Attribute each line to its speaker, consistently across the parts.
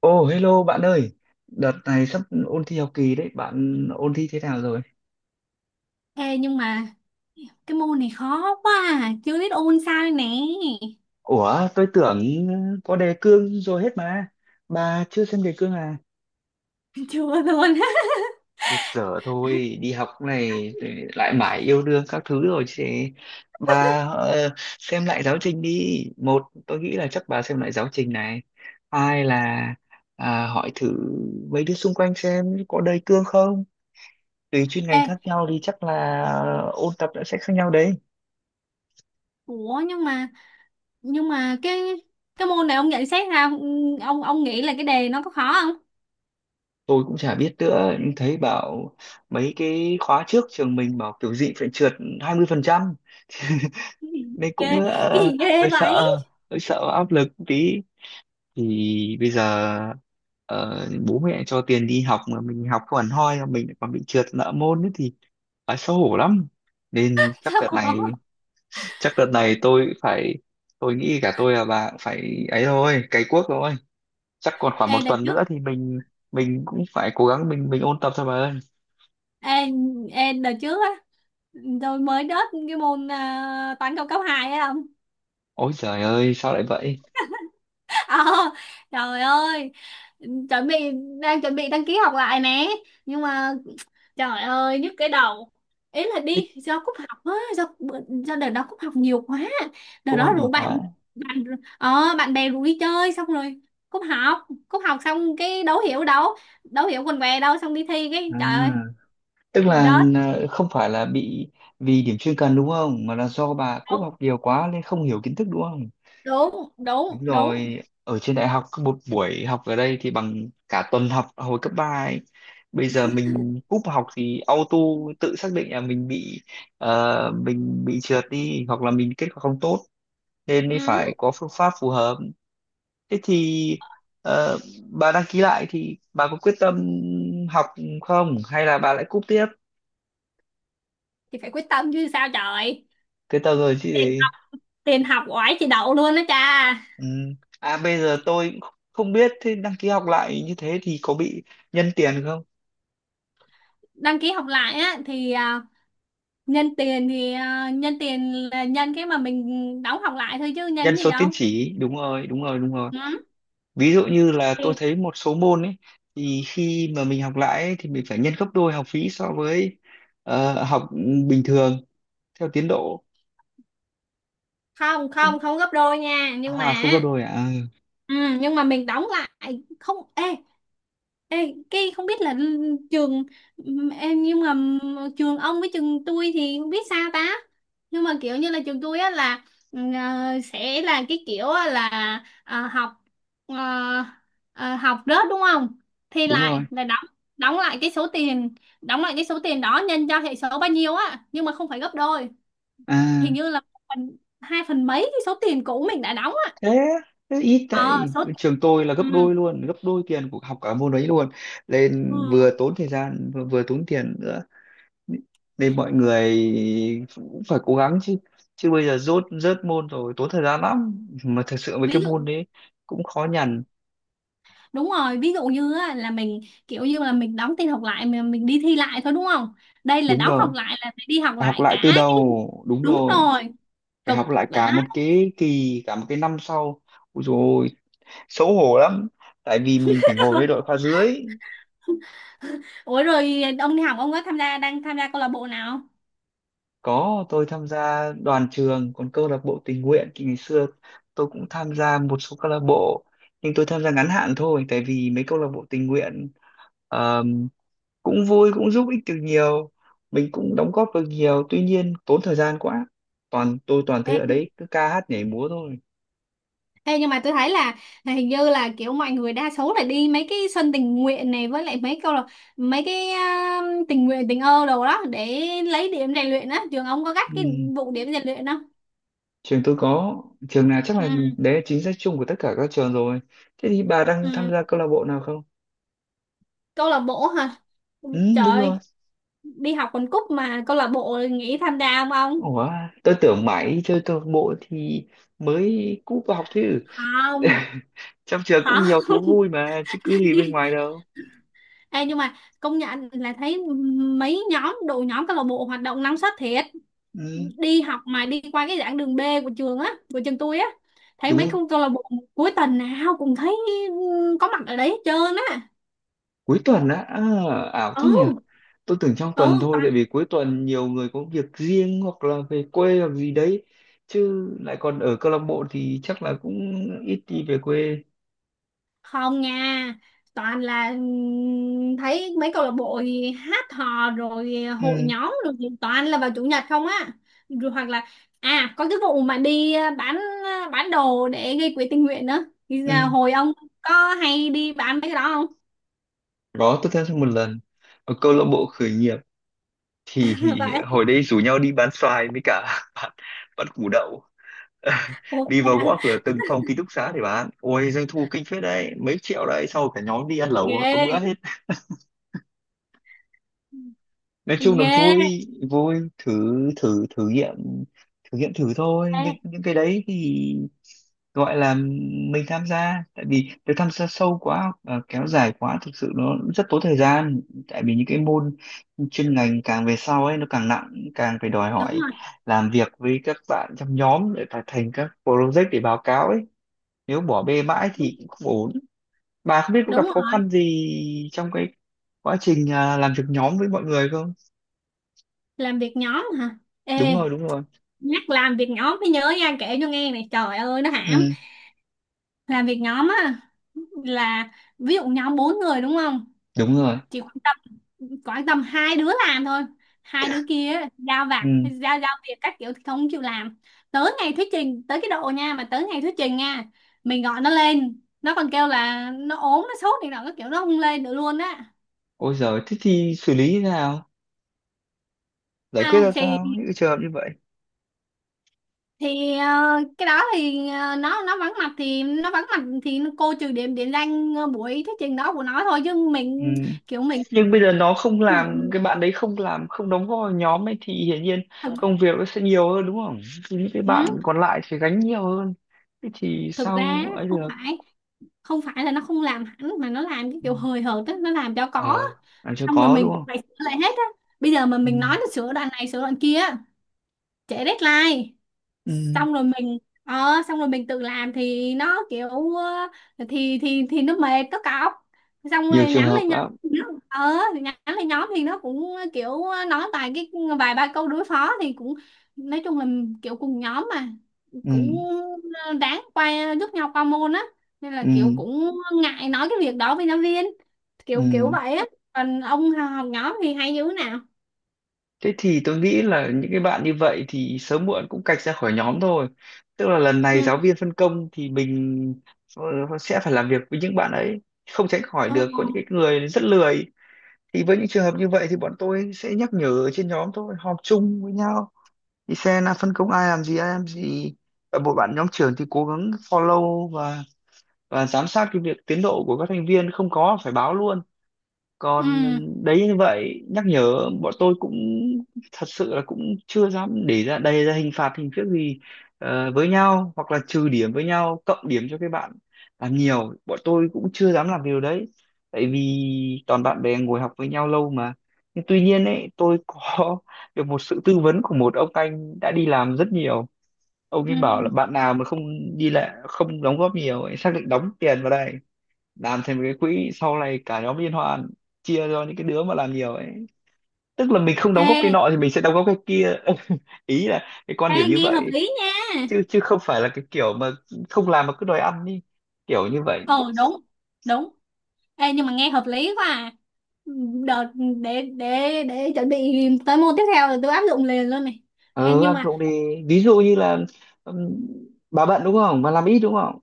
Speaker 1: Ồ, hello bạn ơi, đợt này sắp ôn thi học kỳ đấy, bạn ôn thi thế nào rồi?
Speaker 2: Ê, nhưng mà cái môn này khó quá à. Chưa biết ôn sao đây nè.
Speaker 1: Ủa, tôi tưởng có đề cương rồi hết mà, bà chưa xem đề cương à?
Speaker 2: Chưa luôn.
Speaker 1: Thiệt dở thôi, đi học này rồi lại mãi yêu đương các thứ rồi chứ. Bà, xem lại giáo trình đi. Một, tôi nghĩ là chắc bà xem lại giáo trình này. Hai là hỏi thử mấy đứa xung quanh xem có đề cương không. Tùy chuyên
Speaker 2: Ê,
Speaker 1: ngành khác nhau thì chắc là ôn tập đã sẽ khác nhau đấy.
Speaker 2: ủa nhưng mà cái môn này ông nhận xét ra ông nghĩ là cái đề nó có khó không?
Speaker 1: Tôi cũng chả biết nữa, nhưng thấy bảo mấy cái khóa trước trường mình bảo kiểu gì phải trượt 20%,
Speaker 2: Cái gì
Speaker 1: nên cũng
Speaker 2: ghê, cái gì ghê
Speaker 1: hơi
Speaker 2: vậy?
Speaker 1: sợ, hơi sợ áp lực một tí. Thì bây giờ ờ, bố mẹ cho tiền đi học mà mình học không hẳn hoi, mà mình lại còn bị trượt nợ môn ấy thì phải xấu hổ lắm. Nên chắc
Speaker 2: Sao
Speaker 1: đợt
Speaker 2: bỏ?
Speaker 1: này chắc đợt này tôi phải, tôi nghĩ cả tôi và bà cũng phải ấy thôi, cày cuốc thôi. Chắc còn khoảng một
Speaker 2: Ê đợt
Speaker 1: tuần
Speaker 2: trước,
Speaker 1: nữa thì mình cũng phải cố gắng, mình ôn tập thôi bà ơi.
Speaker 2: ê, ê đợt trước á, tôi mới đớt cái môn toán cao cấp 2 á.
Speaker 1: Ôi trời ơi, sao lại vậy?
Speaker 2: Ờ, trời ơi chuẩn bị đang chuẩn bị đăng ký học lại nè, nhưng mà trời ơi nhức cái đầu. Ý là
Speaker 1: Thế.
Speaker 2: đi do cúp học á do đợt đó cúp học nhiều quá. Đợt
Speaker 1: Cô
Speaker 2: đó
Speaker 1: không nhiều
Speaker 2: rủ
Speaker 1: quá.
Speaker 2: bạn, bạn bạn bè rủ đi chơi, xong rồi cúp học xong cái đấu hiểu đâu, đấu hiểu quần què đâu, xong đi thi cái
Speaker 1: À,
Speaker 2: trời ơi
Speaker 1: tức là
Speaker 2: rớt.
Speaker 1: không phải là bị vì điểm chuyên cần đúng không? Mà là do bà cúp
Speaker 2: Đúng
Speaker 1: học nhiều quá nên không hiểu kiến thức đúng không?
Speaker 2: đúng đúng
Speaker 1: Đúng
Speaker 2: đúng.
Speaker 1: rồi, ở trên đại học cứ một buổi học ở đây thì bằng cả tuần học hồi cấp ba ấy. Bây giờ mình cúp học thì auto tự xác định là mình bị trượt đi, hoặc là mình kết quả không tốt, nên mới
Speaker 2: Ừ.
Speaker 1: phải có phương pháp phù hợp. Thế thì ờ, bà đăng ký lại thì bà có quyết tâm học không, hay là bà lại cúp tiếp?
Speaker 2: Thì phải quyết tâm chứ sao trời.
Speaker 1: Cái tờ người chị
Speaker 2: Tiền
Speaker 1: đấy.
Speaker 2: tiền học oải chị đậu luôn đó cha.
Speaker 1: Ừ. À bây giờ tôi cũng không biết, thế đăng ký học lại như thế thì có bị nhân tiền không?
Speaker 2: Đăng ký học lại á thì, à, nhân tiền là nhân cái mà mình đóng học lại thôi chứ nhân
Speaker 1: Nhân
Speaker 2: gì
Speaker 1: số tín
Speaker 2: đâu.
Speaker 1: chỉ, đúng rồi, đúng rồi, đúng rồi.
Speaker 2: Ừ.
Speaker 1: Ví dụ như là tôi
Speaker 2: Thì
Speaker 1: thấy một số môn ấy, thì khi mà mình học lại ấy, thì mình phải nhân gấp đôi học phí so với học bình thường theo tiến độ.
Speaker 2: không không không gấp đôi nha, nhưng
Speaker 1: À
Speaker 2: mà,
Speaker 1: không gấp đôi à. Ừ,
Speaker 2: ừ, nhưng mà mình đóng lại không. Ê, cái không biết là trường, em nhưng mà trường ông với trường tôi thì không biết sao ta. Nhưng mà kiểu như là trường tôi á là, sẽ là cái kiểu á là, ờ, học ờ, học rớt đúng không, thì
Speaker 1: đúng rồi.
Speaker 2: lại là đóng, đóng lại cái số tiền đóng lại cái số tiền đó nhân cho hệ số bao nhiêu á, nhưng mà không phải gấp đôi. Hình
Speaker 1: À
Speaker 2: như là một phần hai phần mấy cái số tiền cũ mình đã đóng á.
Speaker 1: thế thế ít,
Speaker 2: Ờ
Speaker 1: tại
Speaker 2: số
Speaker 1: trường tôi là
Speaker 2: Ừ.
Speaker 1: gấp đôi luôn, gấp đôi tiền của học cả môn đấy luôn.
Speaker 2: Ờ,
Speaker 1: Nên vừa tốn thời gian, vừa tốn tiền nữa. Nên mọi người cũng phải cố gắng chứ chứ bây giờ rốt rớt môn rồi tốn thời gian lắm, mà thật sự với
Speaker 2: ví
Speaker 1: cái môn
Speaker 2: dụ
Speaker 1: đấy cũng khó nhằn.
Speaker 2: Đúng rồi. Ví dụ như á, là mình kiểu như là mình đóng tin học lại, mình đi thi lại thôi đúng không? Đây là
Speaker 1: Đúng
Speaker 2: đóng
Speaker 1: rồi,
Speaker 2: học lại là phải đi học
Speaker 1: phải học
Speaker 2: lại
Speaker 1: lại từ
Speaker 2: cả.
Speaker 1: đầu, đúng
Speaker 2: Đúng
Speaker 1: rồi,
Speaker 2: rồi.
Speaker 1: phải
Speaker 2: Cực.
Speaker 1: học lại cả
Speaker 2: Đã.
Speaker 1: một cái kỳ, cả một cái năm sau. Ôi dồi ôi, xấu hổ lắm tại vì mình phải ngồi với đội khoa dưới.
Speaker 2: Ủa rồi ông đi học ông có tham gia, câu lạc bộ nào không?
Speaker 1: Có, tôi tham gia đoàn trường, còn câu lạc bộ tình nguyện thì ngày xưa tôi cũng tham gia một số câu lạc bộ, nhưng tôi tham gia ngắn hạn thôi, tại vì mấy câu lạc bộ tình nguyện ờm, cũng vui, cũng giúp ích được nhiều, mình cũng đóng góp được nhiều, tuy nhiên tốn thời gian quá. Toàn tôi toàn
Speaker 2: Ê,
Speaker 1: thấy ở đấy cứ ca hát nhảy múa thôi.
Speaker 2: ê, Nhưng mà tôi thấy là, hình như là kiểu mọi người đa số là đi mấy cái sân tình nguyện này với lại, mấy câu là mấy cái, tình nguyện tình ơ đồ đó để lấy điểm rèn luyện á. Trường ông có gắt cái
Speaker 1: Ừm.
Speaker 2: vụ điểm rèn luyện không?
Speaker 1: Trường tôi có, trường nào chắc
Speaker 2: Ừ,
Speaker 1: là đấy là chính sách chung của tất cả các trường rồi. Thế thì bà đang tham
Speaker 2: ừ.
Speaker 1: gia câu lạc bộ nào không?
Speaker 2: Câu lạc bộ hả? Ừ,
Speaker 1: Ừ, đúng rồi.
Speaker 2: trời, đi học quần cúc mà câu lạc bộ nghĩ tham gia không ông.
Speaker 1: Ủa, tôi tưởng mãi chơi câu lạc bộ thì mới cúp vào học chứ.
Speaker 2: Không.
Speaker 1: Trong trường cũng
Speaker 2: Không.
Speaker 1: nhiều thú vui mà, chứ cứ gì bên ngoài đâu.
Speaker 2: Ê, nhưng mà công nhận là thấy mấy nhóm, đội nhóm câu lạc bộ hoạt động năng suất thiệt.
Speaker 1: Ừ,
Speaker 2: Đi học mà đi qua cái giảng đường B của trường tôi á, thấy
Speaker 1: đúng
Speaker 2: mấy
Speaker 1: rồi.
Speaker 2: con câu lạc bộ cuối tuần nào cũng thấy, ừ, có mặt ở đấy hết trơn á.
Speaker 1: Cuối tuần á, ảo thế
Speaker 2: Ừ.
Speaker 1: nhỉ. Tôi tưởng trong
Speaker 2: Ừ.
Speaker 1: tuần thôi, tại vì cuối tuần nhiều người có việc riêng hoặc là về quê hoặc gì đấy. Chứ lại còn ở câu lạc bộ thì chắc là cũng ít đi về quê.
Speaker 2: Không nha, toàn là, thấy mấy câu lạc bộ thì hát hò rồi hội
Speaker 1: Ừ,
Speaker 2: nhóm rồi thì toàn là vào chủ nhật không á. Rồi hoặc là, có cái vụ mà đi, à, bán đồ để gây quỹ tình nguyện nữa thì là
Speaker 1: ừ.
Speaker 2: hồi ông có hay đi bán mấy cái đó không?
Speaker 1: Đó, tôi tham gia một lần. Ở câu lạc bộ khởi nghiệp thì
Speaker 2: Vậy.
Speaker 1: hồi đấy rủ nhau đi bán xoài với cả bán, bán củ đậu
Speaker 2: Ủa,
Speaker 1: đi vào
Speaker 2: à,
Speaker 1: gõ cửa từng phòng ký túc xá để bán, ôi doanh thu kinh phết đấy, mấy triệu đấy, sau cả nhóm đi ăn
Speaker 2: ghê.
Speaker 1: lẩu có bữa hết. Nói chung là
Speaker 2: Ghê.
Speaker 1: vui, vui thử, thử thử nghiệm, thử nghiệm thử thôi,
Speaker 2: Ê,
Speaker 1: nhưng những cái đấy thì gọi là mình tham gia, tại vì nếu tham gia sâu quá, kéo dài quá thực sự nó rất tốn thời gian. Tại vì những cái môn chuyên ngành càng về sau ấy nó càng nặng, càng phải đòi
Speaker 2: đúng
Speaker 1: hỏi
Speaker 2: rồi.
Speaker 1: làm việc với các bạn trong nhóm để phải thành các project để báo cáo ấy, nếu bỏ bê mãi
Speaker 2: Đúng,
Speaker 1: thì cũng không ổn. Bà không biết có gặp
Speaker 2: đúng
Speaker 1: khó
Speaker 2: rồi.
Speaker 1: khăn gì trong cái quá trình làm việc nhóm với mọi người không?
Speaker 2: Làm việc nhóm hả?
Speaker 1: Đúng
Speaker 2: Ê,
Speaker 1: rồi, đúng rồi.
Speaker 2: nhắc làm việc nhóm mới nhớ nha, kể cho nghe này, trời ơi nó hãm.
Speaker 1: Ừ,
Speaker 2: Làm việc nhóm á là, ví dụ nhóm bốn người đúng không,
Speaker 1: đúng rồi.
Speaker 2: chỉ quan tâm, hai đứa làm thôi. Hai đứa kia á, giao vặt,
Speaker 1: Ừ.
Speaker 2: giao giao việc các kiểu thì không chịu làm. Tới ngày thuyết trình tới cái độ nha mà Tới ngày thuyết trình nha, mình gọi nó lên nó còn kêu là nó ốm nó sốt thì nào các kiểu, nó không lên được luôn á.
Speaker 1: Ôi giời, thế thì xử lý như thế nào, giải quyết
Speaker 2: à,
Speaker 1: ra
Speaker 2: thì
Speaker 1: sao những cái trường hợp như vậy?
Speaker 2: cái đó thì, nó vắng mặt thì nó vắng mặt cô trừ điểm, điểm danh, buổi thuyết trình đó của nó thôi, chứ
Speaker 1: Ừ.
Speaker 2: mình kiểu mình,
Speaker 1: Nhưng bây giờ nó không làm, cái bạn đấy không làm, không đóng góp vào nhóm ấy thì hiển nhiên công việc nó sẽ nhiều hơn đúng không, thì những cái
Speaker 2: ừ.
Speaker 1: bạn còn lại sẽ gánh nhiều hơn. Thế thì
Speaker 2: Thực ra
Speaker 1: sao ấy
Speaker 2: không
Speaker 1: được.
Speaker 2: phải không phải là nó không làm hẳn, mà nó làm cái
Speaker 1: Ừ.
Speaker 2: kiểu hời hợt á, nó làm cho có.
Speaker 1: Ờ, làm cho
Speaker 2: Xong rồi
Speaker 1: có đúng
Speaker 2: mình
Speaker 1: không.
Speaker 2: phải sửa lại hết á, bây giờ mà
Speaker 1: Ừ.
Speaker 2: mình nói nó sửa đoạn này sửa đoạn kia á, trễ deadline.
Speaker 1: Ừ.
Speaker 2: Xong rồi mình, xong rồi mình tự làm thì nó kiểu, ờ, thì nó mệt nó cọc, xong
Speaker 1: Nhiều
Speaker 2: rồi
Speaker 1: trường
Speaker 2: nhắn
Speaker 1: hợp
Speaker 2: lên nhóm
Speaker 1: lắm.
Speaker 2: thì nhắn lên nhóm thì nó cũng kiểu nói vài ba câu đối phó thì cũng, nói chung là kiểu cùng nhóm mà,
Speaker 1: Ừ,
Speaker 2: cũng, ờ, đáng quay giúp nhau qua môn á, nên
Speaker 1: ừ,
Speaker 2: là kiểu cũng ngại nói cái việc đó với giáo viên, kiểu kiểu
Speaker 1: ừ.
Speaker 2: vậy á. Còn ông học nhóm thì hay dữ nào.
Speaker 1: Thế thì tôi nghĩ là những cái bạn như vậy thì sớm muộn cũng cạch ra khỏi nhóm thôi. Tức là lần này
Speaker 2: Ừ.
Speaker 1: giáo viên phân công thì mình ờ, sẽ phải làm việc với những bạn ấy, không tránh khỏi
Speaker 2: Ờ.
Speaker 1: được có những cái người rất lười. Thì với những trường hợp như vậy thì bọn tôi sẽ nhắc nhở ở trên nhóm thôi, họp chung với nhau thì xem là phân công ai làm gì, ai làm gì, và một bạn nhóm trưởng thì cố gắng follow và giám sát cái việc tiến độ của các thành viên, không có phải báo luôn.
Speaker 2: Ừ.
Speaker 1: Còn đấy, như vậy nhắc nhở, bọn tôi cũng thật sự là cũng chưa dám để ra đây, ra hình phạt hình thức gì với nhau, hoặc là trừ điểm với nhau, cộng điểm cho các bạn làm nhiều, bọn tôi cũng chưa dám làm điều đấy, tại vì toàn bạn bè ngồi học với nhau lâu mà. Nhưng tuy nhiên ấy, tôi có được một sự tư vấn của một ông anh đã đi làm rất nhiều. Ông
Speaker 2: Ừ.
Speaker 1: ấy bảo là
Speaker 2: Ừ.
Speaker 1: bạn nào mà không đi lại, không đóng góp nhiều ấy, xác định đóng tiền vào đây làm thành một cái quỹ, sau này cả nhóm liên hoan, chia cho những cái đứa mà làm nhiều ấy. Tức là mình không đóng góp cái
Speaker 2: Ê,
Speaker 1: nọ thì mình sẽ đóng góp cái kia, ý là cái quan
Speaker 2: ê
Speaker 1: điểm như
Speaker 2: nghe hợp
Speaker 1: vậy.
Speaker 2: lý nha.
Speaker 1: Chứ chứ không phải là cái kiểu mà không làm mà cứ đòi ăn đi, kiểu như vậy.
Speaker 2: Ờ đúng. Đúng. Ê, nhưng mà nghe hợp lý quá à. Đợt, để chuẩn bị tới môn tiếp theo là tôi áp dụng liền luôn này. Ê,
Speaker 1: Ờ
Speaker 2: nhưng
Speaker 1: ăn
Speaker 2: mà,
Speaker 1: trộm đi. Ví dụ như là ừm, bà bận đúng không, mà làm ít đúng không,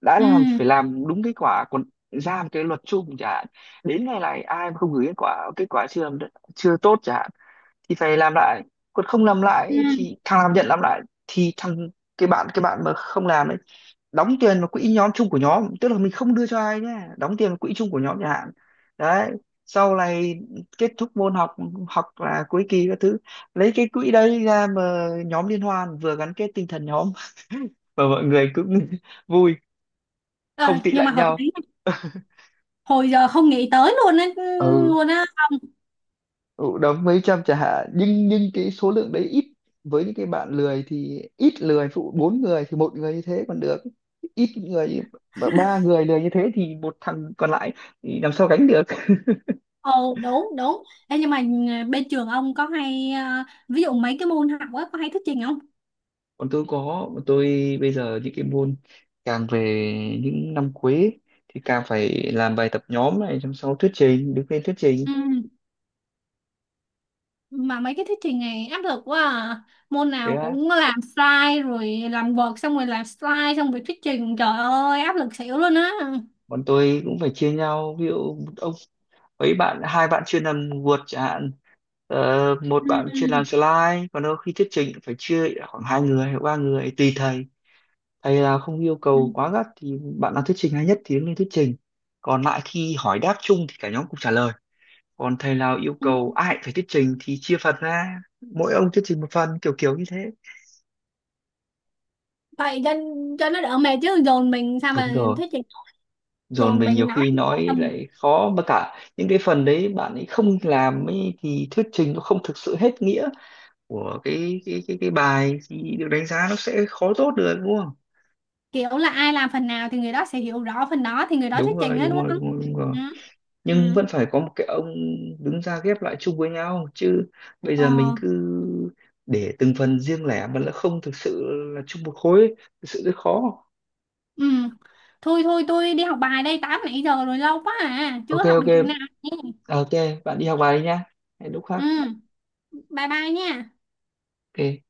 Speaker 1: đã
Speaker 2: ừ,
Speaker 1: làm thì phải làm đúng kết quả, còn ra một cái luật chung chẳng hạn, đến ngày này ai mà không gửi kết quả, kết quả chưa làm chưa tốt chẳng hạn, thì phải làm lại. Còn không làm lại
Speaker 2: ừ,
Speaker 1: thì thằng làm nhận làm lại, thì thằng, cái bạn mà không làm ấy, đóng tiền vào quỹ nhóm, chung của nhóm, tức là mình không đưa cho ai nhé, đóng tiền vào quỹ chung của nhóm chẳng hạn. Đấy, sau này kết thúc môn học hoặc là cuối kỳ các thứ, lấy cái quỹ đấy ra mà nhóm liên hoan, vừa gắn kết tinh thần nhóm và mọi người cũng vui,
Speaker 2: ờ,
Speaker 1: không tị
Speaker 2: nhưng mà
Speaker 1: lạnh
Speaker 2: hợp
Speaker 1: nhau.
Speaker 2: lý, hồi giờ không nghĩ tới luôn á,
Speaker 1: Ừ.
Speaker 2: luôn á.
Speaker 1: Ừ, đóng mấy trăm chả hạn, nhưng cái số lượng đấy ít. Với những cái bạn lười thì ít lười phụ, bốn người thì một người như thế còn được, ít người, và ba người lười như thế thì một thằng còn lại thì làm sao gánh được.
Speaker 2: Ồ đúng đúng. Ê, nhưng mà, ờ, bên trường ông có hay, ờ, ví dụ mấy cái môn học á có hay thuyết trình không?
Speaker 1: Còn tôi bây giờ những cái môn càng về những năm cuối ấy, thì càng phải làm bài tập nhóm này, xong sau thuyết trình, đứng lên thuyết trình.
Speaker 2: Ừ. Mà mấy cái thuyết trình này áp lực quá à. Môn
Speaker 1: Thế
Speaker 2: nào
Speaker 1: á,
Speaker 2: cũng làm slide rồi làm vợt xong rồi làm slide xong rồi thuyết trình. Trời ơi áp lực xỉu luôn á.
Speaker 1: bọn tôi cũng phải chia nhau, ví dụ ông ấy, bạn, hai bạn chuyên làm Word chẳng hạn, một
Speaker 2: Ừ.
Speaker 1: bạn chuyên làm
Speaker 2: Ừ.
Speaker 1: slide, còn đôi khi thuyết trình cũng phải chia khoảng hai người hoặc ba người tùy thầy. Thầy là không yêu cầu
Speaker 2: Ừ.
Speaker 1: quá gắt thì bạn nào thuyết trình hay nhất thì đứng lên thuyết trình, còn lại khi hỏi đáp chung thì cả nhóm cùng trả lời. Còn thầy nào yêu
Speaker 2: Ừ.
Speaker 1: cầu ai phải thuyết trình thì chia phần ra, mỗi ông thuyết trình một phần, kiểu kiểu như thế.
Speaker 2: Vậy cho nó đỡ mệt chứ dồn mình sao mà
Speaker 1: Đúng rồi.
Speaker 2: thuyết trình.
Speaker 1: Dồn
Speaker 2: Dồn
Speaker 1: mình nhiều
Speaker 2: mình nói
Speaker 1: khi nói
Speaker 2: tầm,
Speaker 1: lại khó, mà cả những cái phần đấy bạn ấy không làm ấy thì thuyết trình nó không thực sự hết nghĩa của cái bài, thì được đánh giá nó sẽ khó tốt được đúng không?
Speaker 2: kiểu là ai làm phần nào thì người đó sẽ hiểu rõ phần đó thì người đó
Speaker 1: Đúng
Speaker 2: thuyết
Speaker 1: rồi,
Speaker 2: trình á đúng
Speaker 1: đúng rồi,
Speaker 2: không?
Speaker 1: đúng rồi, đúng rồi.
Speaker 2: Ừ.
Speaker 1: Nhưng
Speaker 2: Ừ.
Speaker 1: vẫn phải có một cái ông đứng ra ghép lại chung với nhau chứ, bây giờ mình
Speaker 2: Ờ.
Speaker 1: cứ để từng phần riêng lẻ mà nó không thực sự là chung một khối ấy, thực sự rất khó.
Speaker 2: Ừ. Thôi thôi tôi đi học bài đây, 8 nãy giờ rồi lâu quá à,
Speaker 1: Ok,
Speaker 2: chưa học
Speaker 1: ok.
Speaker 2: được chỗ nào nhé.
Speaker 1: À, ok, bạn đi học bài đi nhá. Hẹn lúc
Speaker 2: Ừ,
Speaker 1: khác.
Speaker 2: bye bye nha.
Speaker 1: Ok.